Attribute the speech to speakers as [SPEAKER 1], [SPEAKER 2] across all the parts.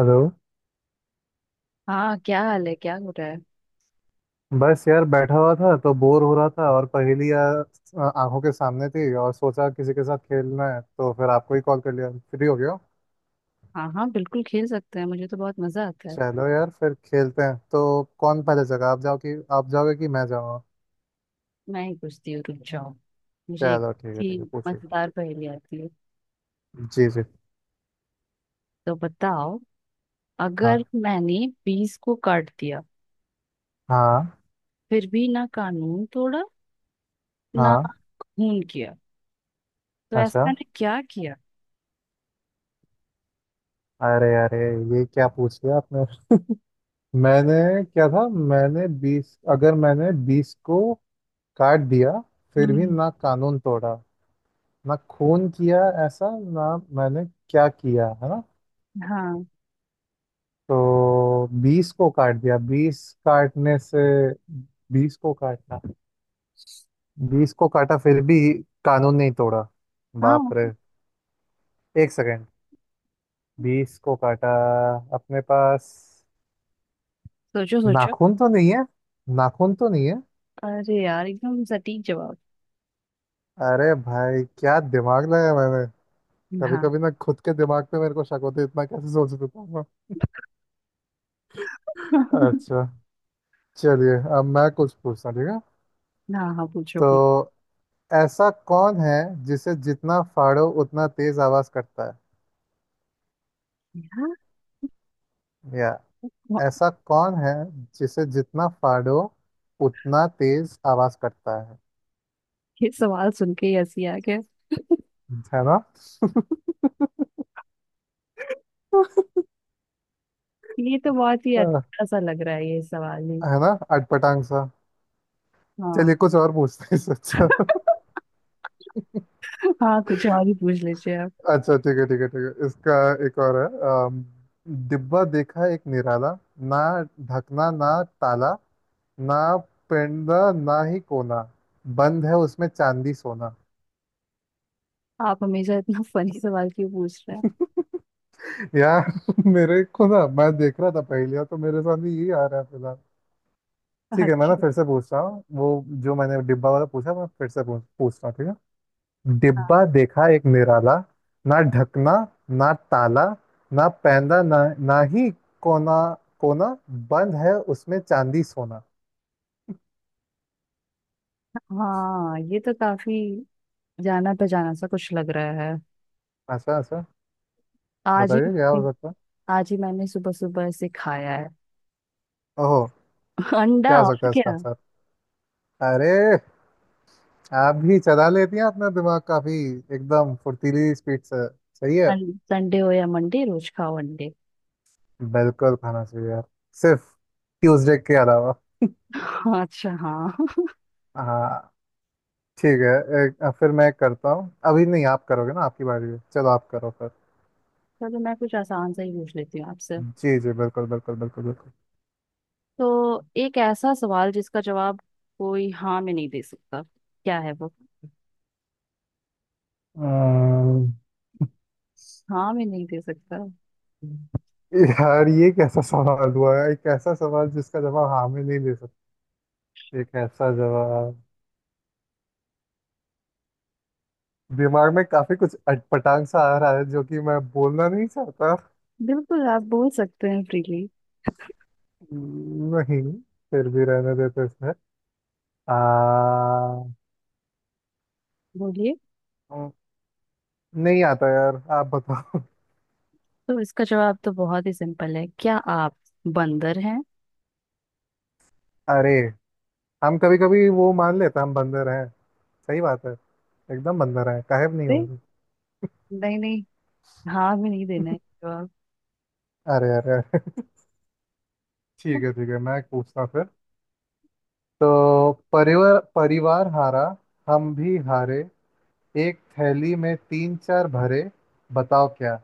[SPEAKER 1] Hello.
[SPEAKER 2] हाँ, क्या हाल है? क्या हो रहा है?
[SPEAKER 1] बस यार बैठा हुआ था तो बोर हो रहा था और पहेलियाँ आंखों के सामने थी और सोचा किसी के साथ खेलना है तो फिर आपको ही कॉल कर लिया। फ्री हो गया हो?
[SPEAKER 2] हाँ हाँ, बिल्कुल खेल सकते हैं। मुझे तो बहुत मजा आता है।
[SPEAKER 1] चलो यार, फिर खेलते हैं तो। कौन पहले जगह आप जाओ कि आप जाओगे कि मैं जाऊँगा।
[SPEAKER 2] मैं ही पूछती हूँ, रुक जाओ। मुझे एक
[SPEAKER 1] चलो ठीक है
[SPEAKER 2] थी
[SPEAKER 1] ठीक है, पूछिए।
[SPEAKER 2] मजेदार पहेली आती है,
[SPEAKER 1] जी जी।
[SPEAKER 2] तो बताओ। अगर
[SPEAKER 1] हाँ
[SPEAKER 2] मैंने बीस को काट दिया,
[SPEAKER 1] हाँ
[SPEAKER 2] फिर भी ना कानून तोड़ा, ना
[SPEAKER 1] हाँ।
[SPEAKER 2] खून किया, तो ऐसा
[SPEAKER 1] अच्छा।
[SPEAKER 2] मैंने क्या किया?
[SPEAKER 1] अरे अरे, ये क्या पूछ लिया आपने। मैंने क्या था? मैंने 20, अगर मैंने 20 को काट दिया फिर भी
[SPEAKER 2] हम्म।
[SPEAKER 1] ना कानून तोड़ा ना खून किया, ऐसा ना मैंने क्या किया, है ना?
[SPEAKER 2] हाँ
[SPEAKER 1] तो 20 को काट दिया। 20 काटने से, 20 को काटना, 20 को काटा फिर भी कानून नहीं तोड़ा।
[SPEAKER 2] हाँ।
[SPEAKER 1] बाप रे। एक सेकेंड। 20 को काटा। अपने पास
[SPEAKER 2] सोचो सोचो।
[SPEAKER 1] नाखून तो नहीं है? नाखून तो नहीं है।
[SPEAKER 2] अरे यार, एकदम सटीक जवाब।
[SPEAKER 1] अरे भाई, क्या दिमाग लगाया मैंने। कभी
[SPEAKER 2] हाँ।
[SPEAKER 1] कभी ना खुद के दिमाग पे मेरे को शक होता है, इतना कैसे सोच देता हूँ मैं। अच्छा। चलिए अब मैं कुछ पूछता हूँ, ठीक है।
[SPEAKER 2] हाँ हाँ, पूछो
[SPEAKER 1] तो
[SPEAKER 2] पूछो।
[SPEAKER 1] ऐसा कौन है जिसे जितना फाड़ो उतना तेज आवाज करता है?
[SPEAKER 2] यार,
[SPEAKER 1] या
[SPEAKER 2] वाह,
[SPEAKER 1] ऐसा कौन है जिसे जितना फाड़ो उतना तेज आवाज करता है?
[SPEAKER 2] ये सवाल सुन के ही हंसी आ गया।
[SPEAKER 1] है ना।
[SPEAKER 2] ये तो बहुत ही
[SPEAKER 1] अ,
[SPEAKER 2] अच्छा सा लग रहा है ये सवाल ही।
[SPEAKER 1] है ना, अटपटांग सा।
[SPEAKER 2] हाँ।
[SPEAKER 1] चलिए कुछ और पूछते हैं इससे अच्छा।
[SPEAKER 2] हाँ, कुछ और ही पूछ लीजिए आप।
[SPEAKER 1] अच्छा, ठीक है ठीक है ठीक है, इसका एक और है। अम, डिब्बा देखा एक निराला, ना ढकना ना ताला ना पेंडा ना ही कोना, बंद है उसमें चांदी सोना।
[SPEAKER 2] आप हमेशा इतना फनी सवाल क्यों पूछ रहे
[SPEAKER 1] यार। मेरे को ना, मैं देख रहा था पहेलियां तो मेरे सामने यही आ रहा है फिलहाल।
[SPEAKER 2] हैं?
[SPEAKER 1] ठीक है, मैं ना
[SPEAKER 2] अच्छा।
[SPEAKER 1] फिर से पूछ रहा हूँ, वो जो मैंने डिब्बा वाला पूछा, मैं फिर से पूछ पूछ रहा हूँ, ठीक है।
[SPEAKER 2] हाँ।
[SPEAKER 1] डिब्बा देखा एक निराला, ना ढकना ना ताला ना पैंदा ना ना ही कोना कोना, बंद है उसमें चांदी सोना।
[SPEAKER 2] हाँ, ये तो काफी जाना पहचाना सा कुछ लग रहा है।
[SPEAKER 1] अच्छा अच्छा,
[SPEAKER 2] आज ही,
[SPEAKER 1] बताइए क्या हो सकता है।
[SPEAKER 2] आज ही मैंने सुबह सुबह इसे खाया है।
[SPEAKER 1] ओहो। क्या
[SPEAKER 2] अंडा
[SPEAKER 1] हो सकता
[SPEAKER 2] और
[SPEAKER 1] है इसका
[SPEAKER 2] क्या।
[SPEAKER 1] आंसर? अरे, आप भी चला लेती हैं अपना दिमाग काफी, एकदम फुर्तीली स्पीड से। सही है।
[SPEAKER 2] संडे हो या मंडे, रोज खाओ अंडे।
[SPEAKER 1] बिल्कुल खाना चाहिए यार, सिर्फ ट्यूसडे के अलावा।
[SPEAKER 2] अच्छा। हाँ।
[SPEAKER 1] हाँ। ठीक है। फिर मैं करता हूँ। अभी नहीं, आप करोगे ना, आपकी बारी है, चलो आप करो फिर।
[SPEAKER 2] चलो, मैं कुछ आसान सा ही पूछ लेती हूँ आपसे।
[SPEAKER 1] जी जी, बिल्कुल बिल्कुल बिल्कुल बिल्कुल।
[SPEAKER 2] तो एक ऐसा सवाल जिसका जवाब कोई हाँ में नहीं दे सकता, क्या है वो?
[SPEAKER 1] अम्म,
[SPEAKER 2] हाँ मैं नहीं दे सकता।
[SPEAKER 1] यार, ये कैसा सवाल हुआ है? एक ऐसा सवाल जिसका जवाब हाँ में नहीं दे सकते? एक ऐसा जवाब। दिमाग में काफी कुछ अटपटांग सा आ रहा है जो कि मैं बोलना नहीं चाहता।
[SPEAKER 2] बिल्कुल, आप बोल सकते हैं फ्रीली।
[SPEAKER 1] नहीं, फिर भी रहने देते इसमें। आ,
[SPEAKER 2] बोलिए।
[SPEAKER 1] नहीं आता यार, आप बताओ।
[SPEAKER 2] तो इसका जवाब तो बहुत ही सिंपल है। क्या आप बंदर हैं?
[SPEAKER 1] अरे, हम कभी कभी वो मान लेते हैं हम बंदर हैं। सही बात है। एकदम बंदर हैं, काहे नहीं
[SPEAKER 2] दे,
[SPEAKER 1] होंगे।
[SPEAKER 2] नहीं नहीं, हाँ में नहीं देना है जवाब।
[SPEAKER 1] अरे अरे अरे। ठीक है ठीक है, मैं पूछता हूँ फिर। तो परिवार परिवार हारा, हम भी हारे, एक थैली में तीन चार भरे, बताओ क्या।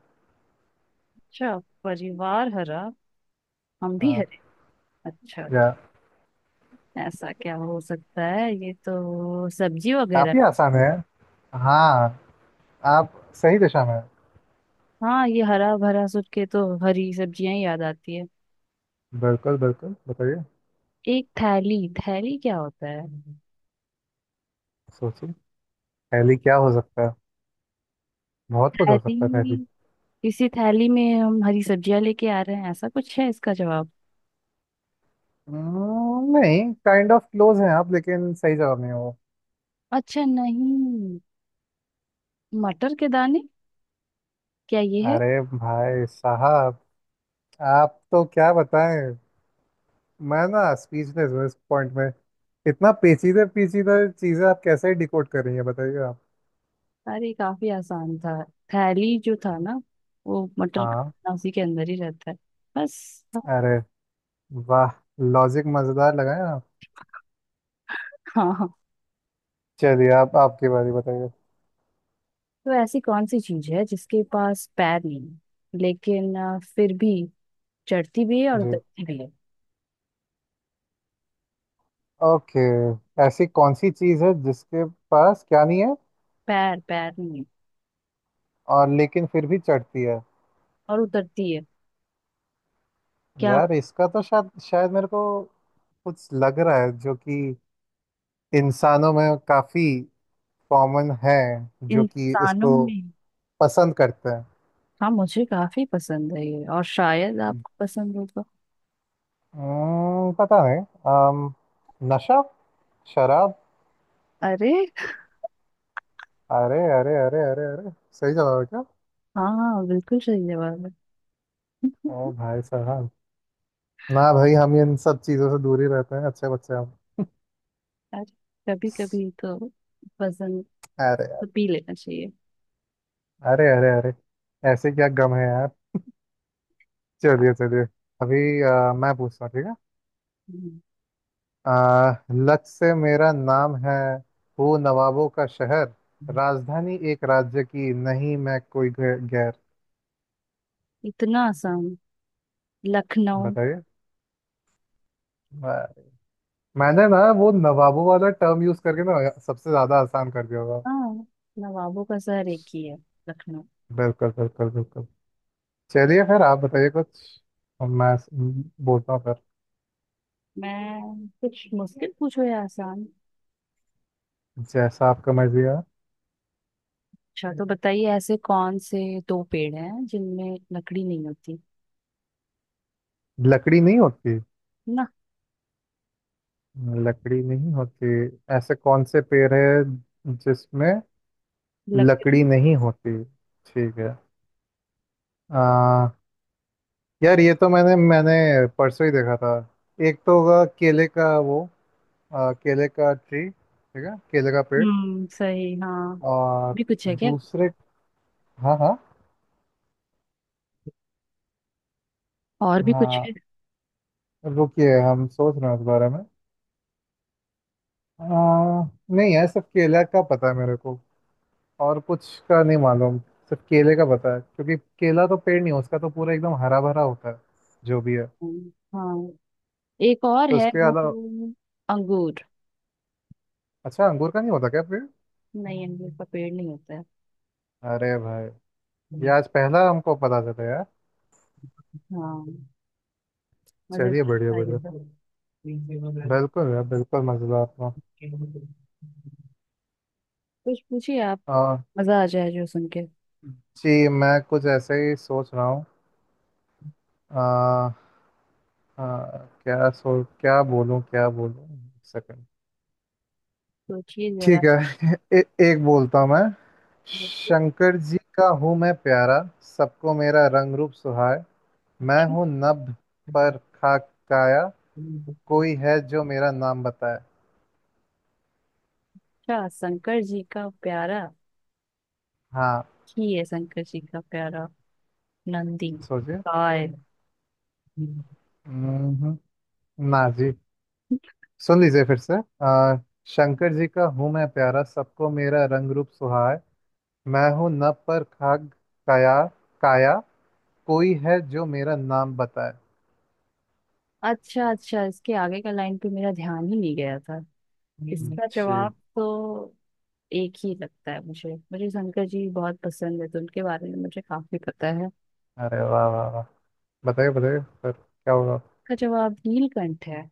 [SPEAKER 2] अच्छा। परिवार हरा, हम भी
[SPEAKER 1] हाँ।
[SPEAKER 2] हरे। अच्छा।
[SPEAKER 1] या।
[SPEAKER 2] ऐसा क्या हो सकता है? ये तो सब्जी वगैरह।
[SPEAKER 1] काफी आसान है। हाँ, आप सही दिशा में हैं।
[SPEAKER 2] हाँ, ये हरा भरा सोच के तो हरी सब्जियां ही याद आती है।
[SPEAKER 1] बिल्कुल बिल्कुल, बताइए।
[SPEAKER 2] एक थैली, थैली क्या होता है?
[SPEAKER 1] सोचिए, थैली क्या हो सकता है। बहुत कुछ हो
[SPEAKER 2] थैली।
[SPEAKER 1] सकता है थैली।
[SPEAKER 2] किसी थैली में हम हरी सब्जियां लेके आ रहे हैं, ऐसा कुछ है इसका जवाब?
[SPEAKER 1] नहीं, काइंड ऑफ क्लोज है आप, लेकिन सही जवाब नहीं है वो।
[SPEAKER 2] अच्छा, नहीं। मटर के दाने, क्या ये है?
[SPEAKER 1] अरे भाई साहब, आप तो क्या बताएं। मैं ना स्पीचलेस हूँ इस पॉइंट में। इतना पेचीदा पेचीदा चीजें आप कैसे डिकोड कर रही हैं, बताइए आप।
[SPEAKER 2] अरे, काफी आसान था। थैली जो था ना, वो मटर का
[SPEAKER 1] हाँ।
[SPEAKER 2] दाना उसी के अंदर ही रहता है। बस।
[SPEAKER 1] अरे वाह, लॉजिक मजेदार लगाए आप।
[SPEAKER 2] हाँ हाँ।
[SPEAKER 1] चलिए, आप आपकी बारी, बताइए।
[SPEAKER 2] तो ऐसी कौन सी चीज है जिसके पास पैर नहीं है, लेकिन फिर भी चढ़ती भी है और
[SPEAKER 1] जी।
[SPEAKER 2] उतरती भी है?
[SPEAKER 1] ओके। ऐसी कौन सी चीज है जिसके पास क्या नहीं है,
[SPEAKER 2] पैर, पैर नहीं है,
[SPEAKER 1] और लेकिन फिर भी चढ़ती है?
[SPEAKER 2] और उतरती है। क्या
[SPEAKER 1] यार इसका तो शायद शायद मेरे को कुछ लग रहा है, जो कि इंसानों में काफी कॉमन है, जो कि
[SPEAKER 2] इंसानों
[SPEAKER 1] इसको
[SPEAKER 2] में?
[SPEAKER 1] पसंद करते हैं।
[SPEAKER 2] हाँ, मुझे काफी पसंद है ये, और शायद आपको पसंद होगा।
[SPEAKER 1] पता नहीं। अम, नशा, शराब।
[SPEAKER 2] अरे।
[SPEAKER 1] अरे अरे अरे अरे अरे, सही जवाब है क्या?
[SPEAKER 2] हाँ हाँ, बिल्कुल सही जवाब है।
[SPEAKER 1] ओ भाई साहब। ना भाई, हम इन सब चीज़ों से दूर ही रहते हैं, अच्छे बच्चे हम।
[SPEAKER 2] यार, कभी कभी तो वजन
[SPEAKER 1] अरे यार।
[SPEAKER 2] तो पी लेना चाहिए।
[SPEAKER 1] अरे अरे अरे, ऐसे क्या गम है यार। चलिए चलिए। अभी मैं पूछता हूँ, ठीक है।
[SPEAKER 2] हम्म।
[SPEAKER 1] लच से मेरा नाम है, हूँ नवाबों का शहर, राजधानी एक राज्य की, नहीं मैं कोई गैर।
[SPEAKER 2] इतना आसान, लखनऊ।
[SPEAKER 1] बताइए। मैं- मैंने ना वो नवाबों वाला टर्म यूज करके ना सबसे ज्यादा आसान कर दिया होगा।
[SPEAKER 2] हाँ, नवाबों का शहर एक ही है, लखनऊ।
[SPEAKER 1] बिल्कुल बिल्कुल बिल्कुल। चलिए फिर आप बताइए कुछ और। मैं बोलता हूँ फिर।
[SPEAKER 2] मैं कुछ मुश्किल पूछो या आसान?
[SPEAKER 1] जैसा आपका मर्जी है।
[SPEAKER 2] अच्छा, तो बताइए ऐसे कौन से दो पेड़ हैं जिनमें लकड़ी नहीं होती?
[SPEAKER 1] लकड़ी नहीं होती?
[SPEAKER 2] ना
[SPEAKER 1] लकड़ी नहीं होती? ऐसे कौन से पेड़ है जिसमें
[SPEAKER 2] लकड़ी।
[SPEAKER 1] लकड़ी नहीं होती? ठीक है। आ, यार, ये तो मैंने मैंने परसों ही देखा था। एक तो होगा केले का वो, केले का ट्री, ठीक है, केले का पेड़।
[SPEAKER 2] हम्म, सही। हाँ
[SPEAKER 1] और
[SPEAKER 2] भी कुछ है क्या?
[SPEAKER 1] दूसरे। हाँ हाँ
[SPEAKER 2] और भी कुछ
[SPEAKER 1] हाँ,
[SPEAKER 2] है।
[SPEAKER 1] रुकिए, हम सोच रहे हैं इस बारे में। आ, नहीं है, सिर्फ केला का पता है मेरे को, और कुछ का नहीं मालूम। सिर्फ केले का पता है, क्योंकि केला तो पेड़ नहीं है, उसका तो पूरा एकदम हरा भरा होता है जो भी है।
[SPEAKER 2] हाँ। एक और
[SPEAKER 1] तो
[SPEAKER 2] है
[SPEAKER 1] उसके
[SPEAKER 2] वो,
[SPEAKER 1] अलावा,
[SPEAKER 2] अंगूर।
[SPEAKER 1] अच्छा, अंगूर का नहीं होता क्या पेड़?
[SPEAKER 2] नहीं, अमरूद का पेड़ नहीं होता है।
[SPEAKER 1] अरे भाई, ये आज पहला हमको पता चला यार।
[SPEAKER 2] हाँ,
[SPEAKER 1] चलिए
[SPEAKER 2] मजेदार
[SPEAKER 1] बढ़िया
[SPEAKER 2] था ये
[SPEAKER 1] बढ़िया,
[SPEAKER 2] तो।
[SPEAKER 1] बिल्कुल यार बिल्कुल मजेदार था।
[SPEAKER 2] कुछ पूछिए आप,
[SPEAKER 1] आ,
[SPEAKER 2] मजा आ जाए जो सुन के।
[SPEAKER 1] जी, मैं कुछ ऐसे ही सोच रहा हूँ। हाँ। क्या सो, क्या बोलूं क्या बोलूं, एक सेकंड।
[SPEAKER 2] सोचिए जरा।
[SPEAKER 1] ठीक है। एक बोलता हूं मैं। शंकर जी का हूं मैं प्यारा, सबको मेरा रंग रूप सुहाए, मैं हूं नभ पर खाक काया,
[SPEAKER 2] अच्छा,
[SPEAKER 1] कोई है जो मेरा नाम बताए?
[SPEAKER 2] शंकर जी का प्यारा
[SPEAKER 1] हाँ।
[SPEAKER 2] ही है, शंकर जी का प्यारा, नंदी,
[SPEAKER 1] सोचिए।
[SPEAKER 2] काय।
[SPEAKER 1] हम्म, ना जी, सुन लीजिए फिर से। आ, शंकर जी का हूँ मैं प्यारा, सबको मेरा रंग रूप सुहाए, मैं हूँ नभ पर खाक काया काया कोई है जो मेरा नाम बताए?
[SPEAKER 2] अच्छा अच्छा, इसके आगे का लाइन पे मेरा ध्यान ही नहीं गया था। इसका
[SPEAKER 1] जी।
[SPEAKER 2] जवाब तो एक ही लगता है मुझे। मुझे शंकर जी बहुत पसंद है, तो उनके बारे में मुझे काफी पता है।
[SPEAKER 1] अरे वाह वाह वाह। बताइए बताइए, फिर क्या होगा।
[SPEAKER 2] इसका जवाब नीलकंठ है।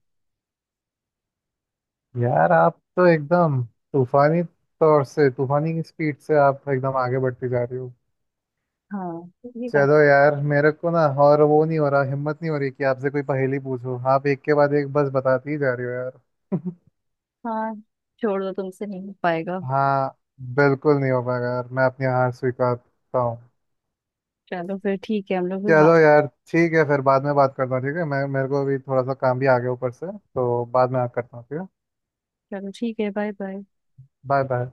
[SPEAKER 1] यार आप तो एकदम तूफानी तौर से, तूफानी की स्पीड से आप एकदम आगे बढ़ती जा रही हो।
[SPEAKER 2] हाँ, ये का।
[SPEAKER 1] चलो यार मेरे को ना, और वो नहीं हो रहा, हिम्मत नहीं हो रही कि आपसे कोई पहेली पूछो, आप एक के बाद एक बस बताती ही जा रही हो यार।
[SPEAKER 2] हाँ, छोड़ दो, तुमसे नहीं हो पाएगा।
[SPEAKER 1] हाँ, बिल्कुल नहीं हो पाएगा यार, मैं अपनी हार स्वीकारता हूँ।
[SPEAKER 2] चलो फिर, ठीक है, हम लोग फिर बात।
[SPEAKER 1] चलो यार ठीक है, फिर बाद में बात करता हूँ, ठीक है। मैं, मेरे को अभी थोड़ा सा काम भी आ गया ऊपर से, तो बाद में बात करता हूँ, ठीक है।
[SPEAKER 2] चलो ठीक है, बाय बाय।
[SPEAKER 1] Bye bye.